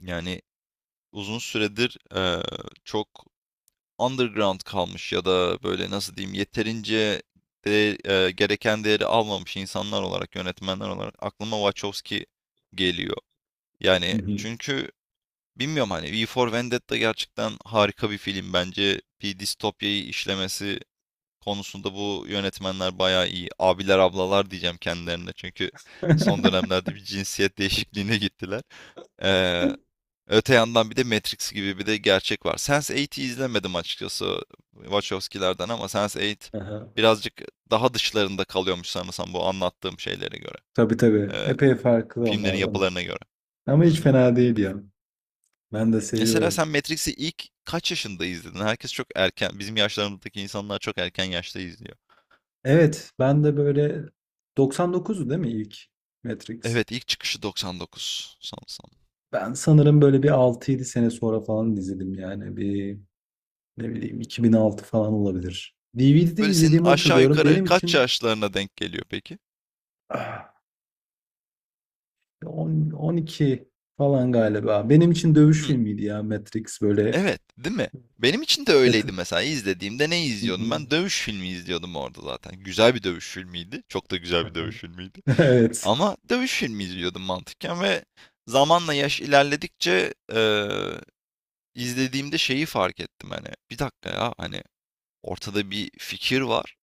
Yani uzun süredir çok underground kalmış ya da böyle nasıl diyeyim yeterince de, gereken değeri almamış insanlar olarak, yönetmenler olarak aklıma Wachowski geliyor. Hı Yani hı. çünkü bilmiyorum hani V for Vendetta gerçekten harika bir film. Bence bir distopyayı işlemesi konusunda bu yönetmenler bayağı iyi. Abiler ablalar diyeceğim kendilerine çünkü son dönemlerde bir cinsiyet değişikliğine gittiler. Eee, Öte yandan bir de Matrix gibi bir de gerçek var. Sense8'i izlemedim açıkçası Wachowski'lerden ama sense Eight Aha. birazcık daha dışlarında kalıyormuş sanırsam bu anlattığım şeylere göre. Tabii tabii. Ee, Epey farklı filmlerin onlardan. yapılarına göre. Ama Hı hiç hı. fena değil ya. Ben de Mesela seviyorum. sen Matrix'i ilk kaç yaşında izledin? Herkes çok erken, bizim yaşlarımızdaki insanlar çok erken yaşta izliyor. Evet, ben de böyle 99'u değil mi ilk Matrix? Evet, ilk çıkışı 99 sanırsam. Ben sanırım böyle bir 6-7 sene sonra falan izledim yani. Bir ne bileyim 2006 falan olabilir. DVD'de Böyle senin izlediğimi aşağı hatırlıyorum. yukarı Benim kaç için yaşlarına denk geliyor peki? ah, 10, 12 falan galiba. Benim için Hı. dövüş filmiydi ya Matrix böyle. Evet, değil mi? Benim için de Evet. öyleydi mesela. İzlediğimde ne izliyordum ben? Dövüş filmi izliyordum orada zaten. Güzel bir dövüş filmiydi. Çok da güzel bir dövüş filmiydi. Evet. Ama dövüş filmi izliyordum mantıken ve zamanla yaş ilerledikçe izlediğimde şeyi fark ettim hani. Bir dakika ya hani ortada bir fikir var.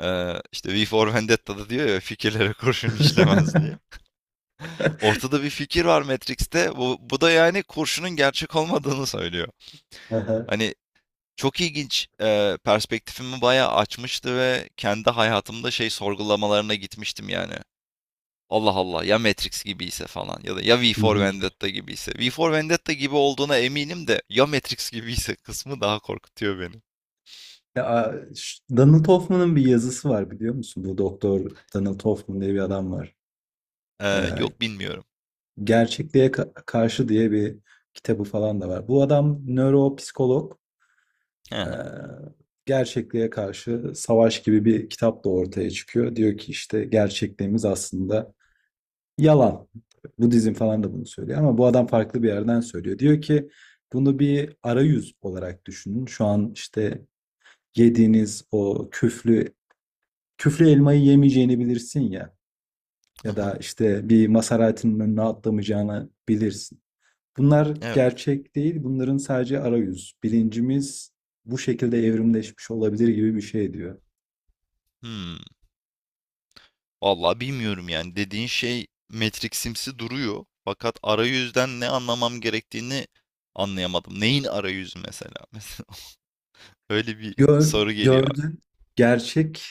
İşte V for Vendetta'da diyor ya fikirlere kurşun işlemez diye. Ortada bir fikir var Matrix'te. Bu da yani kurşunun gerçek olmadığını söylüyor. Hı hı. Hani çok ilginç, perspektifimi bayağı açmıştı ve kendi hayatımda şey sorgulamalarına gitmiştim yani. Allah Allah ya Matrix gibiyse falan ya da ya V Hı for hı. Vendetta gibiyse. V for Vendetta gibi olduğuna eminim de ya Matrix gibiyse kısmı daha korkutuyor beni. Ya, Donald Hoffman'ın bir yazısı var biliyor musun? Bu doktor Donald Hoffman diye bir adam var. Eee, Ee, yok bilmiyorum. Gerçekliğe Karşı diye bir kitabı falan da var. Bu adam nöropsikolog. Hı Ee, hı, gerçekliğe karşı savaş gibi bir kitap da ortaya çıkıyor. Diyor ki işte gerçekliğimiz aslında yalan. Budizm falan da bunu söylüyor ama bu adam farklı bir yerden söylüyor. Diyor ki bunu bir arayüz olarak düşünün. Şu an işte yediğiniz o küflü küflü elmayı yemeyeceğini bilirsin ya hı ya da hı. işte bir Maserati'nin önüne atlamayacağını bilirsin. Bunlar Evet. gerçek değil. Bunların sadece arayüz. Bilincimiz bu şekilde evrimleşmiş olabilir gibi bir şey diyor. Hımm. Vallahi bilmiyorum yani dediğin şey Matrix'imsi duruyor fakat arayüzden ne anlamam gerektiğini anlayamadım. Neyin arayüzü mesela? Mesela öyle bir Gör, soru geliyor. gördün. Gerçek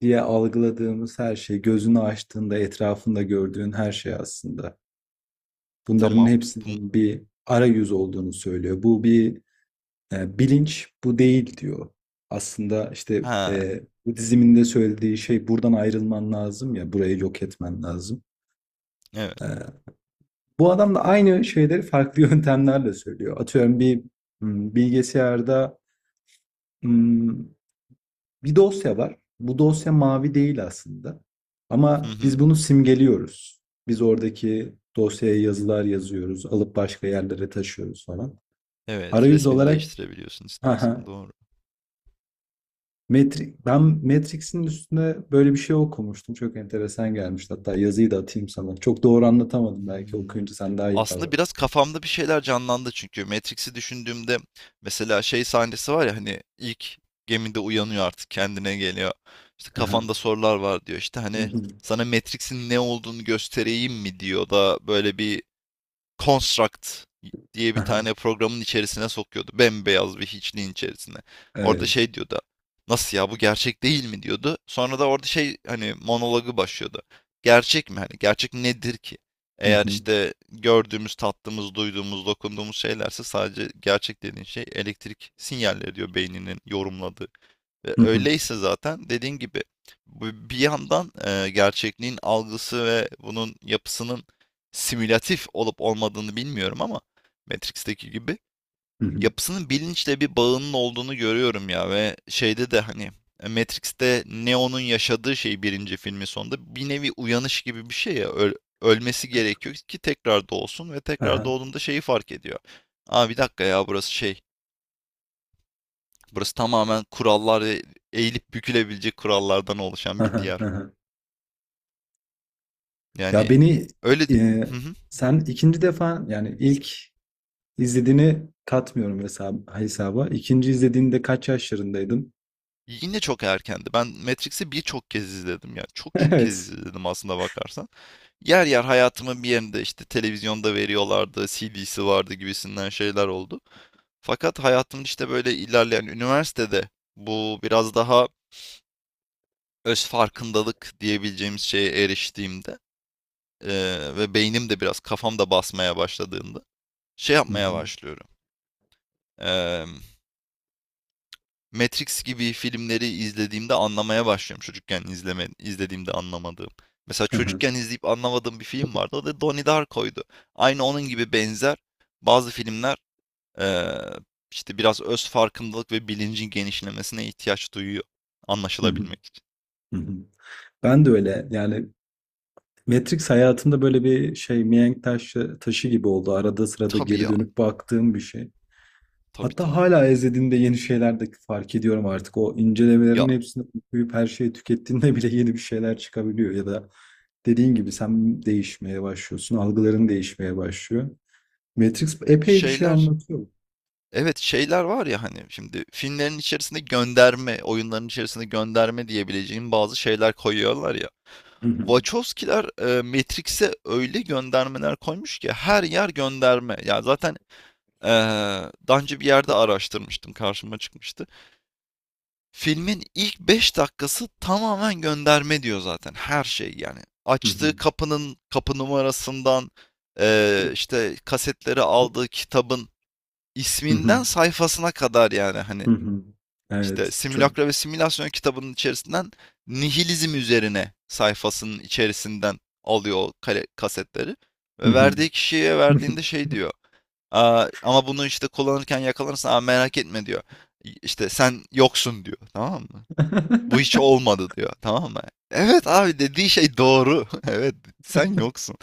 diye algıladığımız her şey, gözünü açtığında etrafında gördüğün her şey aslında. Bunların Tamam. Bun hepsinin bir arayüz olduğunu söylüyor. Bu bir bilinç, bu değil diyor. Aslında işte He, bu diziminde söylediği şey buradan ayrılman lazım ya, burayı yok etmen lazım. evet. E, bu adam da aynı şeyleri farklı yöntemlerle söylüyor. Atıyorum bir bilgisayarda m, bir dosya var. Bu dosya mavi değil aslında. Hı Ama hı. biz bunu simgeliyoruz. Biz oradaki dosyaya yazılar yazıyoruz, alıp başka yerlere taşıyoruz falan. Evet, Arayüz resmini olarak değiştirebiliyorsun istersen, haha, doğru. Ben Matrix'in üstünde böyle bir şey okumuştum. Çok enteresan gelmişti. Hatta yazıyı da atayım sana. Çok doğru anlatamadım. Belki Hımm. okuyunca sen daha iyi Aslında biraz kavrarsın. kafamda bir şeyler canlandı çünkü Matrix'i düşündüğümde mesela şey sahnesi var ya, hani, ilk gemide uyanıyor artık kendine geliyor. İşte, Haha. "Kafanda sorular var." diyor. İşte, hani, "Sana Matrix'in ne olduğunu göstereyim mi?" diyor da böyle bir Construct diye bir Haha. tane programın içerisine sokuyordu. Bembeyaz bir hiçliğin içerisine. Orada Evet. şey diyordu. Nasıl ya, bu gerçek değil mi diyordu. Sonra da orada şey hani monologu başlıyordu. Gerçek mi? Hani gerçek nedir ki? Hı Eğer hı. işte gördüğümüz, tattığımız, duyduğumuz, dokunduğumuz şeylerse, sadece gerçek dediğin şey elektrik sinyalleri diyor beyninin yorumladığı. Hı hı. Öyleyse zaten dediğin gibi bir yandan gerçekliğin algısı ve bunun yapısının simülatif olup olmadığını bilmiyorum ama Matrix'teki gibi Hı hı. yapısının bilinçle bir bağının olduğunu görüyorum ya, ve şeyde de hani Matrix'te Neo'nun yaşadığı şey birinci filmin sonunda bir nevi uyanış gibi bir şey ya, ölmesi gerekiyor ki tekrar doğsun ve tekrar Aha, doğduğunda şeyi fark ediyor. Aa bir dakika ya, burası şey. Burası tamamen kurallar ve eğilip bükülebilecek kurallardan oluşan bir aha, diyar. aha. Ya Yani beni öyle. e, Hı hı. sen ikinci defa yani ilk izlediğini katmıyorum hesaba. İkinci izlediğinde kaç yaşlarındaydın? Yine çok erkendi. Ben Matrix'i birçok kez izledim ya. Çok çok kez Evet. izledim aslında bakarsan. Yer yer hayatımın bir yerinde işte televizyonda veriyorlardı, CD'si vardı gibisinden şeyler oldu. Fakat hayatımın işte böyle ilerleyen üniversitede bu biraz daha öz farkındalık diyebileceğimiz şeye eriştiğimde, ve beynim de biraz kafam da basmaya başladığında şey Hı yapmaya hı, başlıyorum. eee, Matrix gibi filmleri izlediğimde anlamaya başlıyorum. Çocukken izleme, izlediğimde anlamadığım. Mesela aha, çocukken izleyip anlamadığım bir film vardı. O da Donnie Darko'ydu. Aynı onun gibi benzer bazı filmler eee, işte biraz öz farkındalık ve bilincin genişlemesine ihtiyaç duyuyor hı hı, anlaşılabilmek için. hı hı. Ben de öyle yani Matrix hayatımda böyle bir şey mihenk taşı gibi oldu. Arada sırada Tabii geri ya, dönüp baktığım bir şey. tabii Hatta tabii. hala izlediğimde yeni şeyler de fark ediyorum artık. O Ya incelemelerin hepsini okuyup her şeyi tükettiğinde bile yeni bir şeyler çıkabiliyor. Ya da dediğin gibi sen değişmeye başlıyorsun. Algıların değişmeye başlıyor. Matrix epey bir şey şeyler, anlatıyor. evet şeyler var ya hani şimdi filmlerin içerisinde gönderme, oyunların içerisinde gönderme diyebileceğim bazı şeyler koyuyorlar ya. Hı hı, Wachowskiler Matrix'e öyle göndermeler koymuş ki her yer gönderme. Yani zaten e, daha önce bir yerde araştırmıştım, karşıma çıkmıştı. Filmin ilk 5 dakikası tamamen gönderme diyor zaten, her şey yani. hı Açtığı hı, kapının kapı numarasından işte kasetleri aldığı kitabın hı hı, isminden sayfasına kadar yani hani hı hı. işte Evet. Simülakra ve Simülasyon kitabının içerisinden nihilizm üzerine sayfasının içerisinden alıyor o kasetleri. Hı Ve hı. verdiği kişiye verdiğinde şey diyor. "Aa, ama bunu işte kullanırken yakalanırsan, aa, merak etme" diyor. İşte sen yoksun diyor. Tamam mı? Bu hiç olmadı diyor. Tamam mı? Evet abi, dediği şey doğru. Evet, sen yoksun.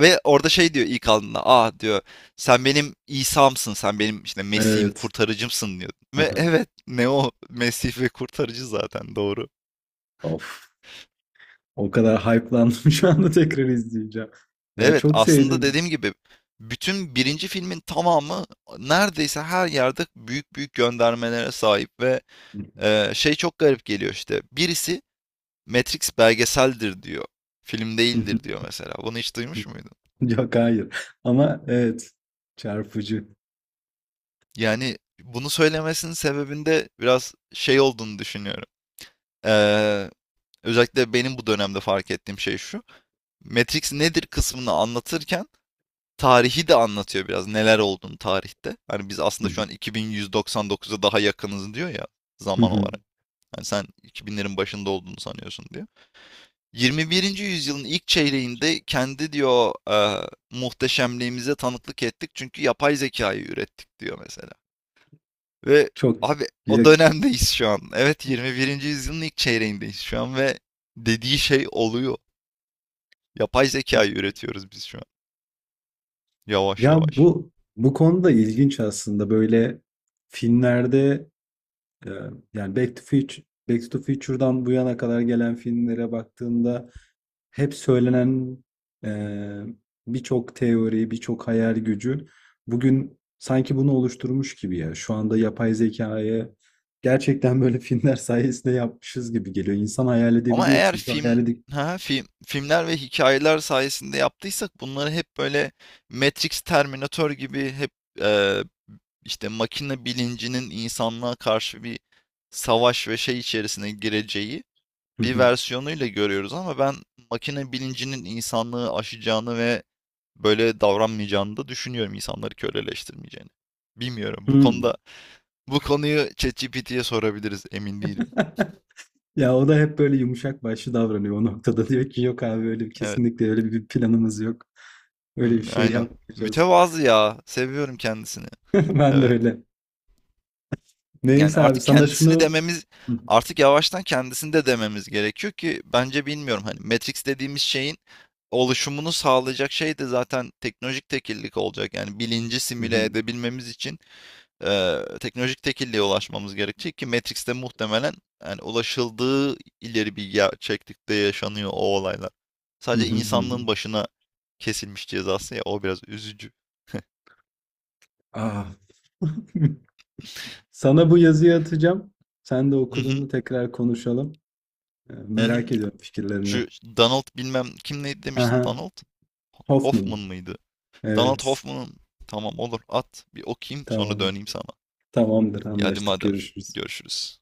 Ve orada şey diyor ilk aldığında. Ah diyor, sen benim İsa'msın. Sen benim işte Mesih'im, Evet. kurtarıcımsın diyor. Ve Aha. evet, ne o Mesih ve kurtarıcı zaten doğru. Of. O kadar hype'landım şu anda tekrar izleyeceğim. Ya Evet çok aslında sevdim. dediğim gibi bütün birinci filmin tamamı neredeyse her yerde büyük büyük göndermelere sahip ve şey çok garip geliyor işte. Birisi Matrix belgeseldir diyor. Film değildir diyor mesela. Bunu hiç duymuş muydun? Yok hayır. Ama evet çarpıcı. Yani bunu söylemesinin sebebinde biraz şey olduğunu düşünüyorum. Ee, özellikle benim bu dönemde fark ettiğim şey şu. Matrix nedir kısmını anlatırken tarihi de anlatıyor biraz. Neler olduğunu tarihte. Hani biz aslında şu an 2199'a daha yakınız diyor ya, Hı zaman hı. olarak. Yani sen 2000'lerin başında olduğunu sanıyorsun diyor. 21. yüzyılın ilk çeyreğinde kendi diyor muhteşemliğimize tanıklık ettik çünkü yapay zekayı ürettik diyor mesela. Ve Çok abi o ya, dönemdeyiz şu an. Evet, 21. yüzyılın ilk çeyreğindeyiz şu an ve dediği şey oluyor. Yapay zekayı üretiyoruz biz şu an. Yavaş ya yavaş. bu bu konuda ilginç aslında böyle filmlerde e, yani Back to Future'dan bu yana kadar gelen filmlere baktığında hep söylenen eee, birçok teori, birçok hayal gücü bugün sanki bunu oluşturmuş gibi ya. Şu anda yapay zekayı gerçekten böyle filmler sayesinde yapmışız gibi geliyor. İnsan hayal Ama edebiliyor eğer çünkü hayal edip... filmler ve hikayeler sayesinde yaptıysak bunları hep böyle Matrix, Terminator gibi hep e, işte makine bilincinin insanlığa karşı bir savaş ve şey içerisine gireceği bir versiyonuyla görüyoruz, ama ben makine bilincinin insanlığı aşacağını ve böyle davranmayacağını da düşünüyorum, insanları köleleştirmeyeceğini. Bilmiyorum. Bu Hmm. konuda bu konuyu ChatGPT'ye sorabiliriz. Emin değilim. Ya o da hep böyle yumuşak başlı davranıyor o noktada. Diyor ki yok abi öyle Evet. kesinlikle öyle bir planımız yok. Öyle Hı, bir şey aynen. yapmayacağız. Mütevazı ya. Seviyorum kendisini. Ben de Evet. öyle. Yani Neyse abi sana şunu... Hı artık yavaştan kendisini de dememiz gerekiyor ki, bence bilmiyorum hani Matrix dediğimiz şeyin oluşumunu sağlayacak şey de zaten teknolojik tekillik olacak. Yani bilinci simüle hı. edebilmemiz için teknolojik tekilliğe ulaşmamız gerekecek ki Matrix'te muhtemelen, yani ulaşıldığı ileri bir gerçeklikte yaşanıyor o olaylar. Hı Sadece hı. Hı hı. insanlığın başına kesilmiş cezası ya, o biraz üzücü. Ah. Sana bu yazıyı atacağım. Sen de Hı hı, okuduğunda tekrar konuşalım. Hı hı. Merak ediyorum fikirlerini. Şu Donald bilmem kim neydi demiştin, Aha, Donald Hoffman Hoffman. mıydı? Donald Evet, Hoffman'ın, tamam olur, at bir okuyayım sonra tamam. döneyim sana. Tamamdır, Ya hadi anlaştık. madem, Görüşürüz. görüşürüz.